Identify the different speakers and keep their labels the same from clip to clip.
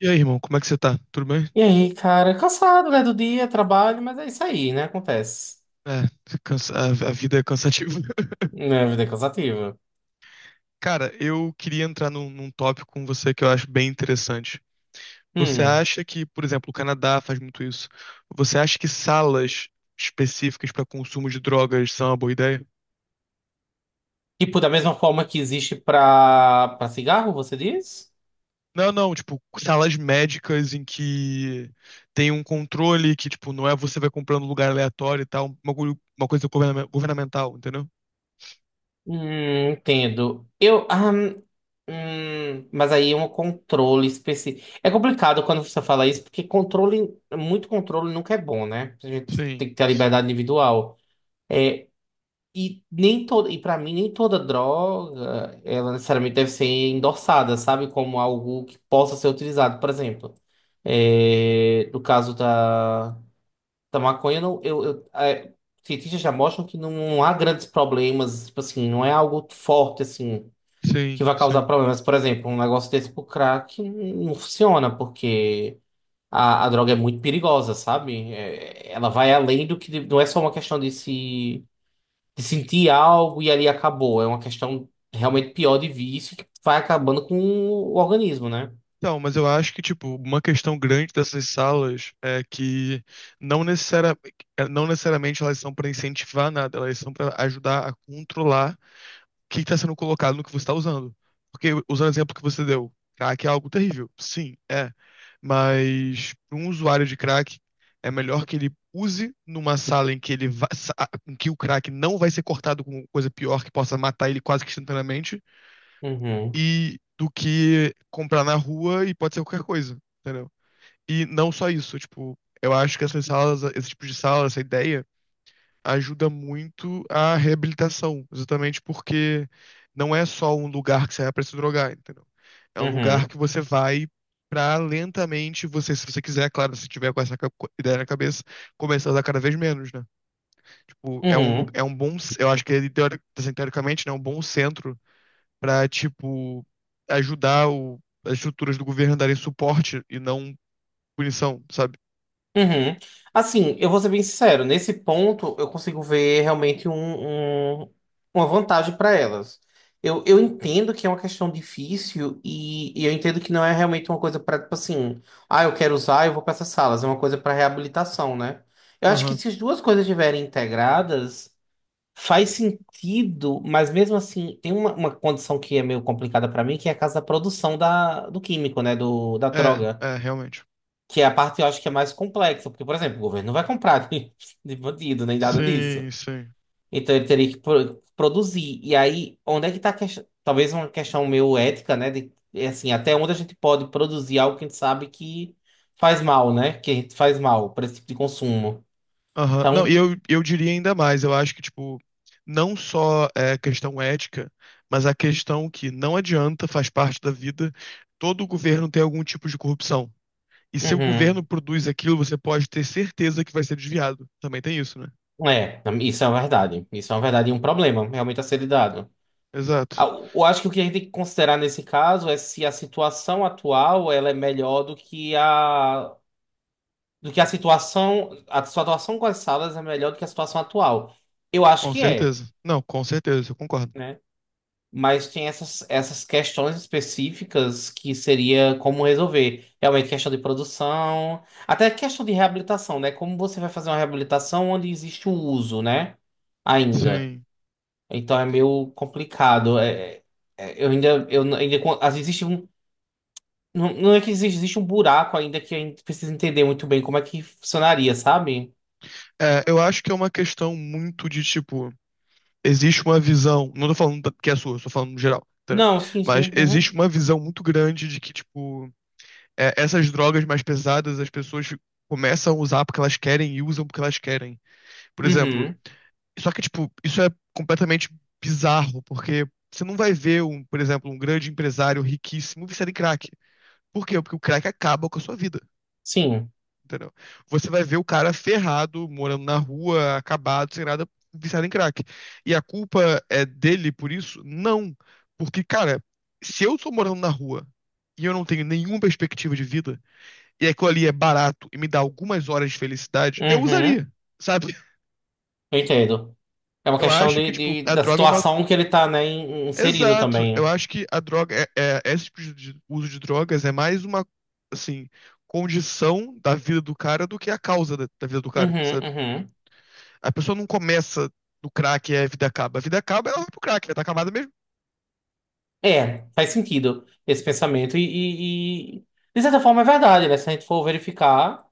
Speaker 1: E aí, irmão, como é que você tá? Tudo bem?
Speaker 2: E aí, cara, cansado, né, do dia, trabalho, mas é isso aí, né, acontece.
Speaker 1: É, a vida é cansativa.
Speaker 2: É, vida é cansativa.
Speaker 1: Cara, eu queria entrar num tópico com você que eu acho bem interessante. Você
Speaker 2: Hum.
Speaker 1: acha que, por exemplo, o Canadá faz muito isso? Você acha que salas específicas para consumo de drogas são uma boa ideia?
Speaker 2: Tipo, da mesma forma que existe pra cigarro, você diz?
Speaker 1: Não, não, tipo, salas médicas em que tem um controle que, tipo, não é você vai comprando lugar aleatório e tal, uma, uma coisa governamental, entendeu?
Speaker 2: Entendo. Mas aí é um controle específico. É complicado quando você fala isso, porque controle, muito controle nunca é bom, né? A gente
Speaker 1: Sim,
Speaker 2: tem que ter a
Speaker 1: sim,
Speaker 2: liberdade individual. É. E para mim nem toda droga, ela necessariamente deve ser endossada, sabe, como algo que possa ser utilizado, por exemplo. É, no caso da maconha, não, cientistas já mostram que não há grandes problemas, tipo assim, não é algo forte assim
Speaker 1: sim,
Speaker 2: que vai causar
Speaker 1: sim.
Speaker 2: problemas. Por exemplo, um negócio desse pro crack não funciona, porque a droga é muito perigosa, sabe? É, ela vai além do que não é só uma questão de se de sentir algo e ali acabou. É uma questão realmente pior de vício que vai acabando com o organismo, né?
Speaker 1: Então, mas eu acho que, tipo, uma questão grande dessas salas é que não necessari- é, não necessariamente elas são para incentivar nada, elas são para ajudar a controlar o que está sendo colocado no que você está usando. Porque, usando o exemplo que você deu, crack é algo terrível. Sim, é. Mas para um usuário de crack, é melhor que ele use numa sala em que em que o crack não vai ser cortado com coisa pior que possa matar ele quase que instantaneamente,
Speaker 2: Uhum,
Speaker 1: e do que comprar na rua e pode ser qualquer coisa, entendeu? E não só isso, tipo, eu acho que essas salas, esse tipo de sala, essa ideia, ajuda muito a reabilitação, exatamente porque não é só um lugar que você vai pra se drogar, entendeu? É um lugar
Speaker 2: uhum,
Speaker 1: que você vai pra lentamente você, se você quiser, claro, se tiver com essa ideia na cabeça, começar a usar cada vez menos, né? Tipo, é
Speaker 2: uhum,
Speaker 1: é um bom, eu acho que ele, assim, teoricamente, né, é um bom centro pra, tipo, ajudar as estruturas do governo a darem suporte e não punição, sabe?
Speaker 2: uhum. Assim, eu vou ser bem sincero, nesse ponto eu consigo ver realmente um- uma vantagem para elas. Eu entendo que é uma questão difícil e eu entendo que não é realmente uma coisa para, tipo assim, eu quero usar, eu vou para essas salas, é uma coisa para reabilitação, né? Eu acho que
Speaker 1: Aham.
Speaker 2: se as duas coisas estiverem integradas, faz sentido, mas mesmo assim, tem uma condição que é meio complicada pra mim, que é a casa da produção da, do químico, né? Do, da
Speaker 1: É,
Speaker 2: droga.
Speaker 1: é, realmente.
Speaker 2: Que é a parte eu acho que é mais complexa. Porque, por exemplo, o governo não vai comprar de bandido, nem nada
Speaker 1: Sim,
Speaker 2: disso.
Speaker 1: sim.
Speaker 2: Então ele teria que produzir. E aí, onde é que tá a questão? Talvez uma questão meio ética, né? É assim, até onde a gente pode produzir algo que a gente sabe que faz mal, né? Que a gente faz mal para esse tipo de consumo.
Speaker 1: Aham. Não, e
Speaker 2: Então,
Speaker 1: eu diria ainda mais, eu acho que, tipo, não só é a questão ética, mas a questão que não adianta, faz parte da vida, todo governo tem algum tipo de corrupção. E se o governo
Speaker 2: uhum.
Speaker 1: produz aquilo, você pode ter certeza que vai ser desviado. Também tem isso, né?
Speaker 2: É, isso é uma verdade. Isso é uma verdade e um problema, realmente a ser lidado. Ah,
Speaker 1: Exato.
Speaker 2: Eu acho que o que a gente tem que considerar nesse caso é se a situação atual ela é melhor do que a situação com as salas é melhor do que a situação atual. Eu acho
Speaker 1: Com
Speaker 2: que é,
Speaker 1: certeza. Não, com certeza, eu concordo.
Speaker 2: né? Mas tem essas questões específicas que seria como resolver. Realmente questão de produção, até questão de reabilitação, né? Como você vai fazer uma reabilitação onde existe o uso, né? Ainda.
Speaker 1: Sim.
Speaker 2: Então é meio complicado. É, eu ainda, às vezes existe um, não, não é que existe, um buraco ainda que a gente precisa entender muito bem como é que funcionaria, sabe?
Speaker 1: É, eu acho que é uma questão muito de tipo, existe uma visão, não tô falando da- que é sua, tô falando no geral, entendeu?
Speaker 2: Não, sim,
Speaker 1: Mas
Speaker 2: sim.
Speaker 1: existe
Speaker 2: Uhum.
Speaker 1: uma visão muito grande de que, tipo, é, essas drogas mais pesadas as pessoas começam a usar porque elas querem e usam porque elas querem. Por exemplo,
Speaker 2: Uhum.
Speaker 1: só que, tipo, isso é completamente bizarro, porque você não vai ver um, por exemplo, um grande empresário riquíssimo viciado em crack. Por quê? Porque o crack acaba com a sua vida.
Speaker 2: Sim.
Speaker 1: Entendeu? Você vai ver o cara ferrado, morando na rua, acabado, sem nada, viciado em crack. E a culpa é dele por isso? Não. Porque, cara, se eu tô morando na rua e eu não tenho nenhuma perspectiva de vida, e aquilo ali é barato e me dá algumas horas de felicidade, eu
Speaker 2: Uhum.
Speaker 1: usaria, sabe?
Speaker 2: Eu entendo. É uma
Speaker 1: Eu
Speaker 2: questão
Speaker 1: acho que, tipo, a
Speaker 2: da
Speaker 1: droga é uma.
Speaker 2: situação que ele tá, né, inserido
Speaker 1: Exato, eu
Speaker 2: também.
Speaker 1: acho que a droga, esse tipo de uso de drogas é mais uma, assim, condição da vida do cara do que a causa da, da vida do cara,
Speaker 2: Uhum,
Speaker 1: sabe?
Speaker 2: uhum.
Speaker 1: A pessoa não começa no crack e a vida acaba. A vida acaba, ela vai pro crack, ela tá acabada mesmo.
Speaker 2: É, faz sentido esse pensamento. De certa forma, é verdade, né? Se a gente for verificar.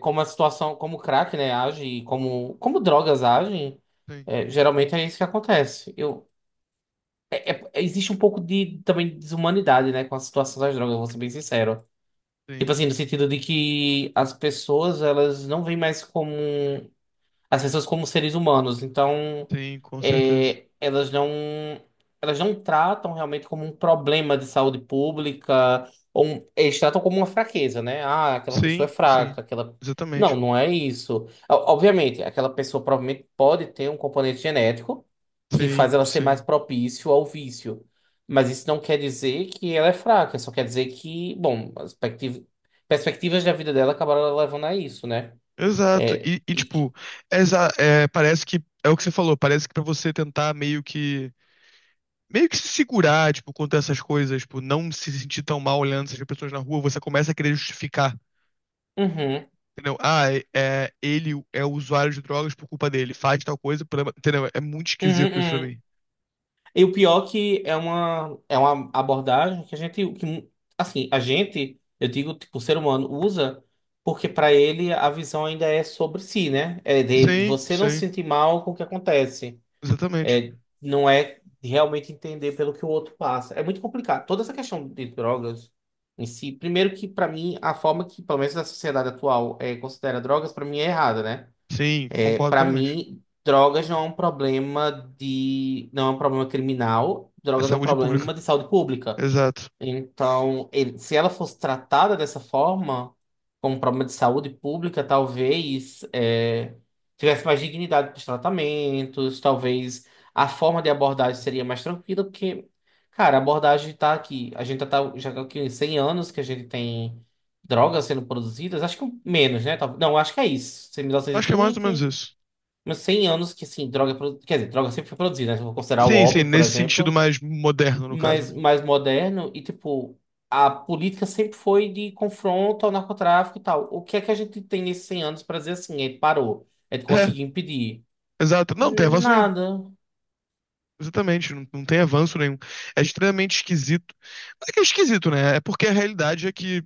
Speaker 2: Como a situação, como o crack, né, age e como drogas agem,
Speaker 1: Sim,
Speaker 2: é, geralmente é isso que acontece. Existe um pouco de também desumanidade, né, com a situação das drogas, vou ser bem sincero. Tipo
Speaker 1: sim,
Speaker 2: assim, no sentido de que as pessoas, elas não veem mais como. Um as pessoas como seres humanos. Então,
Speaker 1: sim, com certeza.
Speaker 2: é, elas não elas não tratam realmente como um problema de saúde pública, ou eles tratam como uma fraqueza, né? Ah, aquela pessoa é
Speaker 1: Sim, sim,
Speaker 2: fraca, aquela. Não,
Speaker 1: exatamente.
Speaker 2: não é isso. Obviamente, aquela pessoa provavelmente pode ter um componente genético que
Speaker 1: Sim,
Speaker 2: faz ela ser mais
Speaker 1: sim.
Speaker 2: propício ao vício. Mas isso não quer dizer que ela é fraca, só quer dizer que, bom, as perspectivas da vida dela acabaram levando a isso, né?
Speaker 1: Exato.
Speaker 2: É,
Speaker 1: E,
Speaker 2: e- e-
Speaker 1: tipo, é, parece que é o que você falou, parece que pra você tentar meio que se segurar, tipo, contra essas coisas, tipo, não se sentir tão mal olhando essas pessoas na rua, você começa a querer justificar,
Speaker 2: Uhum.
Speaker 1: entendeu? Ah, ele é usuário de drogas por culpa dele, faz tal coisa, entendeu? É muito
Speaker 2: Uhum,
Speaker 1: esquisito isso pra
Speaker 2: uhum.
Speaker 1: mim.
Speaker 2: E o pior que é uma abordagem que a gente, que, assim, a gente, eu digo, tipo, o ser humano usa porque para ele a visão ainda é sobre si, né? É de
Speaker 1: Sim,
Speaker 2: você não se
Speaker 1: sim.
Speaker 2: sentir mal com o que acontece.
Speaker 1: Exatamente.
Speaker 2: É, não é realmente entender pelo que o outro passa. É muito complicado. Toda essa questão de drogas em si, primeiro que para mim a forma que, pelo menos na sociedade atual, considera drogas, para mim é errada, né?
Speaker 1: Sim,
Speaker 2: É,
Speaker 1: concordo
Speaker 2: para
Speaker 1: plenamente.
Speaker 2: mim, drogas não é um problema não é um problema criminal,
Speaker 1: É
Speaker 2: drogas é um
Speaker 1: saúde pública.
Speaker 2: problema de saúde pública.
Speaker 1: Exato.
Speaker 2: Então, se ela fosse tratada dessa forma, como um problema de saúde pública, talvez tivesse mais dignidade para os tratamentos, talvez a forma de abordagem seria mais tranquila, porque, cara, a abordagem está aqui. A gente já tá aqui em 100 anos que a gente tem drogas sendo produzidas, acho que menos, né? Não, acho que é isso. mil novecentos e
Speaker 1: Acho que é mais ou menos
Speaker 2: vinte
Speaker 1: isso.
Speaker 2: mas 100 anos que, assim, droga... é produ- quer dizer, droga sempre foi produzida, né? Se eu for considerar o
Speaker 1: Sim, sim,
Speaker 2: OP, por
Speaker 1: nesse sentido
Speaker 2: exemplo,
Speaker 1: mais moderno, no caso,
Speaker 2: mas
Speaker 1: né?
Speaker 2: mais moderno. E, tipo, a política sempre foi de confronto ao narcotráfico e tal. O que é que a gente tem nesses 100 anos para dizer assim? Ele parou. Ele
Speaker 1: É,
Speaker 2: conseguiu impedir.
Speaker 1: exato. Não, não tem avanço nenhum.
Speaker 2: Nada.
Speaker 1: Exatamente, não, não tem avanço nenhum. É extremamente esquisito. Mas é que é esquisito, né? É porque a realidade é que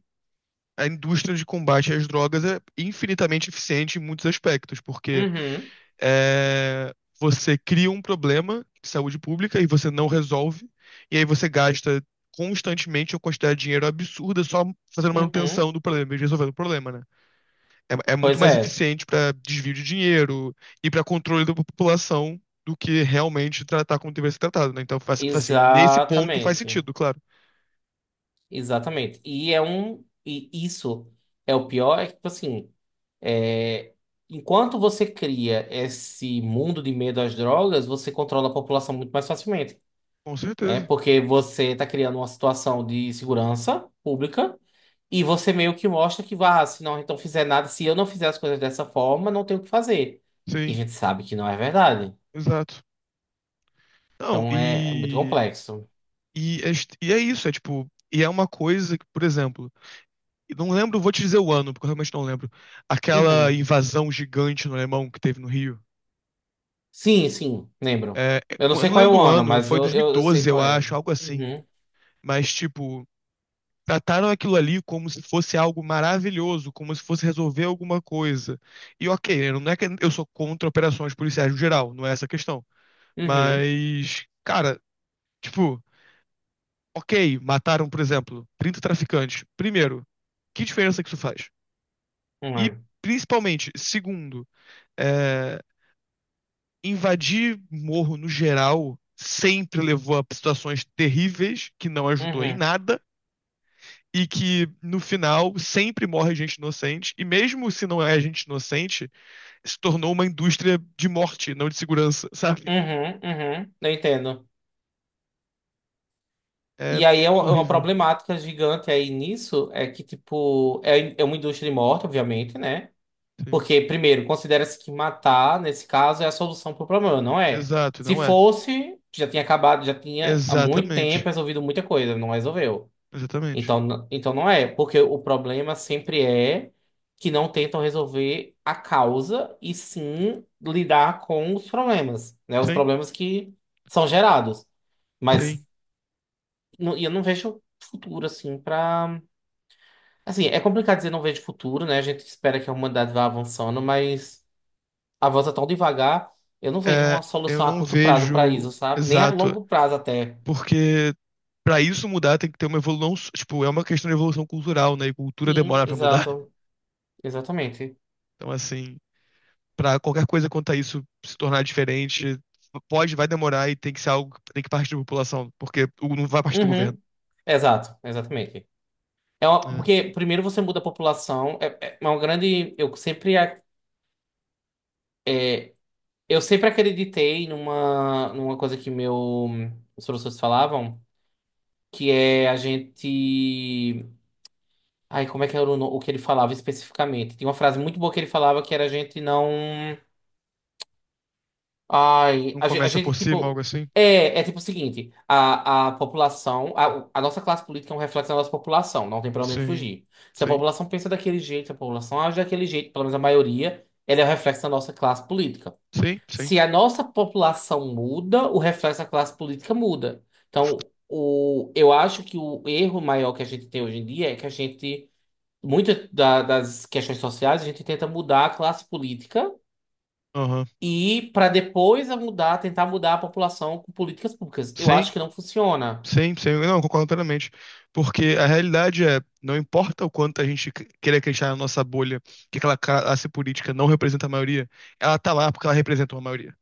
Speaker 1: a indústria de combate às drogas é infinitamente eficiente em muitos aspectos, porque
Speaker 2: Uhum,
Speaker 1: é, você cria um problema de saúde pública e você não resolve, e aí você gasta constantemente uma quantidade de dinheiro absurda só fazendo
Speaker 2: uhum.
Speaker 1: manutenção do problema e resolvendo o problema, né? É, é muito
Speaker 2: Pois
Speaker 1: mais
Speaker 2: é.
Speaker 1: eficiente para desvio de dinheiro e para controle da população do que realmente tratar como deveria ser tratado, né? Então, faz, assim, nesse ponto faz
Speaker 2: Exatamente.
Speaker 1: sentido, claro.
Speaker 2: Exatamente. E isso é o pior, é que, tipo assim. É, enquanto você cria esse mundo de medo às drogas, você controla a população muito mais facilmente,
Speaker 1: Com
Speaker 2: né?
Speaker 1: certeza.
Speaker 2: Porque você está criando uma situação de segurança pública e você meio que mostra que, vá se não então fizer nada, se eu não fizer as coisas dessa forma, não tenho o que fazer. E a
Speaker 1: Sim,
Speaker 2: gente sabe que não é verdade.
Speaker 1: exato. Não,
Speaker 2: Então é muito complexo.
Speaker 1: e é isso, é tipo, e é uma coisa que, por exemplo, e não lembro, vou te dizer o ano, porque eu realmente não lembro. Aquela
Speaker 2: Uhum.
Speaker 1: invasão gigante no alemão que teve no Rio.
Speaker 2: Sim, sim, lembro.
Speaker 1: É,
Speaker 2: Eu não
Speaker 1: eu
Speaker 2: sei
Speaker 1: não
Speaker 2: qual é
Speaker 1: lembro
Speaker 2: o
Speaker 1: o
Speaker 2: ano,
Speaker 1: ano,
Speaker 2: mas
Speaker 1: foi
Speaker 2: eu sei
Speaker 1: 2012, eu
Speaker 2: qual é.
Speaker 1: acho, algo assim.
Speaker 2: Uhum,
Speaker 1: Mas, tipo, trataram aquilo ali como se fosse algo maravilhoso, como se fosse resolver alguma coisa. E ok, né, não é que eu sou contra operações policiais no geral, não é essa a questão.
Speaker 2: uhum,
Speaker 1: Mas, cara, tipo, ok, mataram, por exemplo, 30 traficantes. Primeiro, que diferença que isso faz? E,
Speaker 2: uhum,
Speaker 1: principalmente, segundo, é, invadir morro no geral sempre levou a situações terríveis, que não ajudou em
Speaker 2: uhum,
Speaker 1: nada, e que no final sempre morre gente inocente, e mesmo se não é gente inocente, se tornou uma indústria de morte, não de segurança, sabe?
Speaker 2: uhum, uhum. Eu entendo.
Speaker 1: É
Speaker 2: E aí é uma
Speaker 1: horrível.
Speaker 2: problemática gigante aí nisso, é que, tipo, é uma indústria de morte, obviamente, né?
Speaker 1: Sim.
Speaker 2: Porque, primeiro, considera-se que matar, nesse caso, é a solução para o problema, não é?
Speaker 1: Exato,
Speaker 2: Se
Speaker 1: não é?
Speaker 2: fosse, já tinha acabado, já tinha há muito tempo
Speaker 1: Exatamente.
Speaker 2: resolvido muita coisa, não resolveu.
Speaker 1: Exatamente.
Speaker 2: Então, então não é, porque o problema sempre é que não tentam resolver a causa e sim lidar com os problemas, né? Os
Speaker 1: Sim,
Speaker 2: problemas que são gerados.
Speaker 1: sim.
Speaker 2: Mas e eu não vejo futuro, assim, pra. Assim, é complicado dizer não vejo futuro, né? A gente espera que a humanidade vá avançando, mas a volta tão devagar, eu não vejo
Speaker 1: É,
Speaker 2: uma
Speaker 1: eu
Speaker 2: solução a
Speaker 1: não
Speaker 2: curto prazo pra
Speaker 1: vejo
Speaker 2: isso, sabe? Nem a
Speaker 1: exato,
Speaker 2: longo prazo até.
Speaker 1: porque pra isso mudar, tem que ter uma evolução. Tipo, é uma questão de evolução cultural, né? E cultura
Speaker 2: Sim,
Speaker 1: demora pra mudar.
Speaker 2: exato. Exatamente.
Speaker 1: Então, assim, pra qualquer coisa quanto a isso se tornar diferente, pode, vai demorar e tem que ser algo que tem que partir da população, porque não vai partir do governo.
Speaker 2: Uhum. Exato, exatamente.
Speaker 1: Né?
Speaker 2: Porque primeiro você muda a população, é uma grande. É, eu sempre acreditei numa coisa que meu, os professores falavam, que é a gente. Ai, como é que era o, no- o que ele falava especificamente? Tinha uma frase muito boa que ele falava que era a gente não. Ai,
Speaker 1: Não
Speaker 2: a gente, a
Speaker 1: começa por
Speaker 2: gente
Speaker 1: cima, algo
Speaker 2: tipo.
Speaker 1: assim?
Speaker 2: É tipo o seguinte: a população. A nossa classe política é um reflexo da nossa população, não tem pra onde a gente
Speaker 1: Sim,
Speaker 2: fugir. Se a
Speaker 1: sim,
Speaker 2: população pensa daquele jeito, se a população age daquele jeito, pelo menos a maioria, ela é o reflexo da nossa classe política.
Speaker 1: sim, sim.
Speaker 2: Se a nossa população muda, o reflexo da classe política muda. Então, eu acho que o erro maior que a gente tem hoje em dia é que a gente. Muitas das questões sociais a gente tenta mudar a classe política
Speaker 1: Aham.
Speaker 2: e para depois a mudar, tentar mudar a população com políticas públicas. Eu
Speaker 1: Sim,
Speaker 2: acho que não funciona.
Speaker 1: sim, sim. Não, concordo totalmente. Porque a realidade é, não importa o quanto a gente queira acreditar na nossa bolha, que aquela classe política não representa a maioria, ela tá lá porque ela representa uma maioria.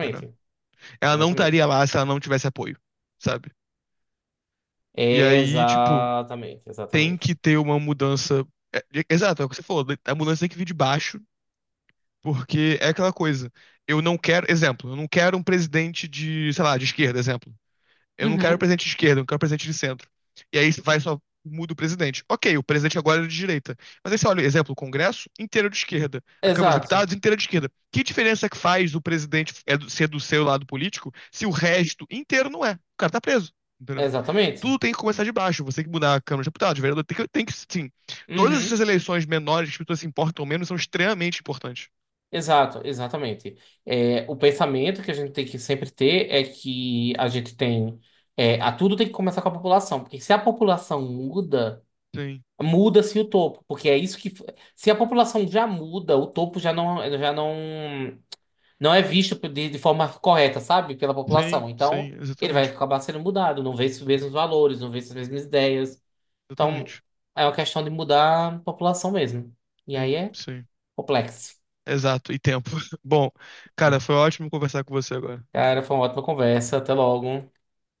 Speaker 1: Entendeu? Ela não
Speaker 2: Exatamente.
Speaker 1: estaria lá se ela não tivesse apoio, sabe? E aí, tipo,
Speaker 2: Exatamente.
Speaker 1: tem que
Speaker 2: Exatamente.
Speaker 1: ter uma mudança. Exato, é o que você falou, a mudança tem que vir de baixo, porque é aquela coisa. Eu não quero, exemplo, eu não quero um presidente de, sei lá, de esquerda, exemplo. Eu não quero
Speaker 2: Uhum.
Speaker 1: presidente de esquerda, eu não quero presidente de centro. E aí vai só muda o presidente. Ok, o presidente agora é de direita. Mas aí você olha, exemplo, o Congresso inteiro de esquerda, a Câmara dos
Speaker 2: Exato.
Speaker 1: Deputados inteira de esquerda. Que diferença é que faz o presidente é ser do seu lado político se o resto inteiro não é? O cara tá preso. Entendeu?
Speaker 2: Exatamente.
Speaker 1: Tudo tem que começar de baixo. Você tem que mudar a Câmara dos Deputados, o vereador. Tem que, sim. Todas essas
Speaker 2: Uhum.
Speaker 1: eleições menores que as pessoas se importam menos são extremamente importantes.
Speaker 2: Exato, exatamente. É, o pensamento que a gente tem que sempre ter é que a gente tem. É, a tudo tem que começar com a população, porque se a população muda.
Speaker 1: Sim,
Speaker 2: Muda-se o topo, porque é isso que. Se a população já muda, o topo já não, não é visto de forma correta, sabe? Pela
Speaker 1: sim,
Speaker 2: população. Então,
Speaker 1: sim,
Speaker 2: ele vai
Speaker 1: exatamente.
Speaker 2: acabar sendo mudado, não vê os mesmos valores, não vê as mesmas ideias. Então,
Speaker 1: Exatamente.
Speaker 2: é uma questão de mudar a população mesmo. E aí
Speaker 1: Sim,
Speaker 2: é
Speaker 1: sim.
Speaker 2: complexo.
Speaker 1: Exato, e tempo. Bom, cara, foi ótimo conversar com você agora.
Speaker 2: Cara, foi uma ótima conversa. Até logo.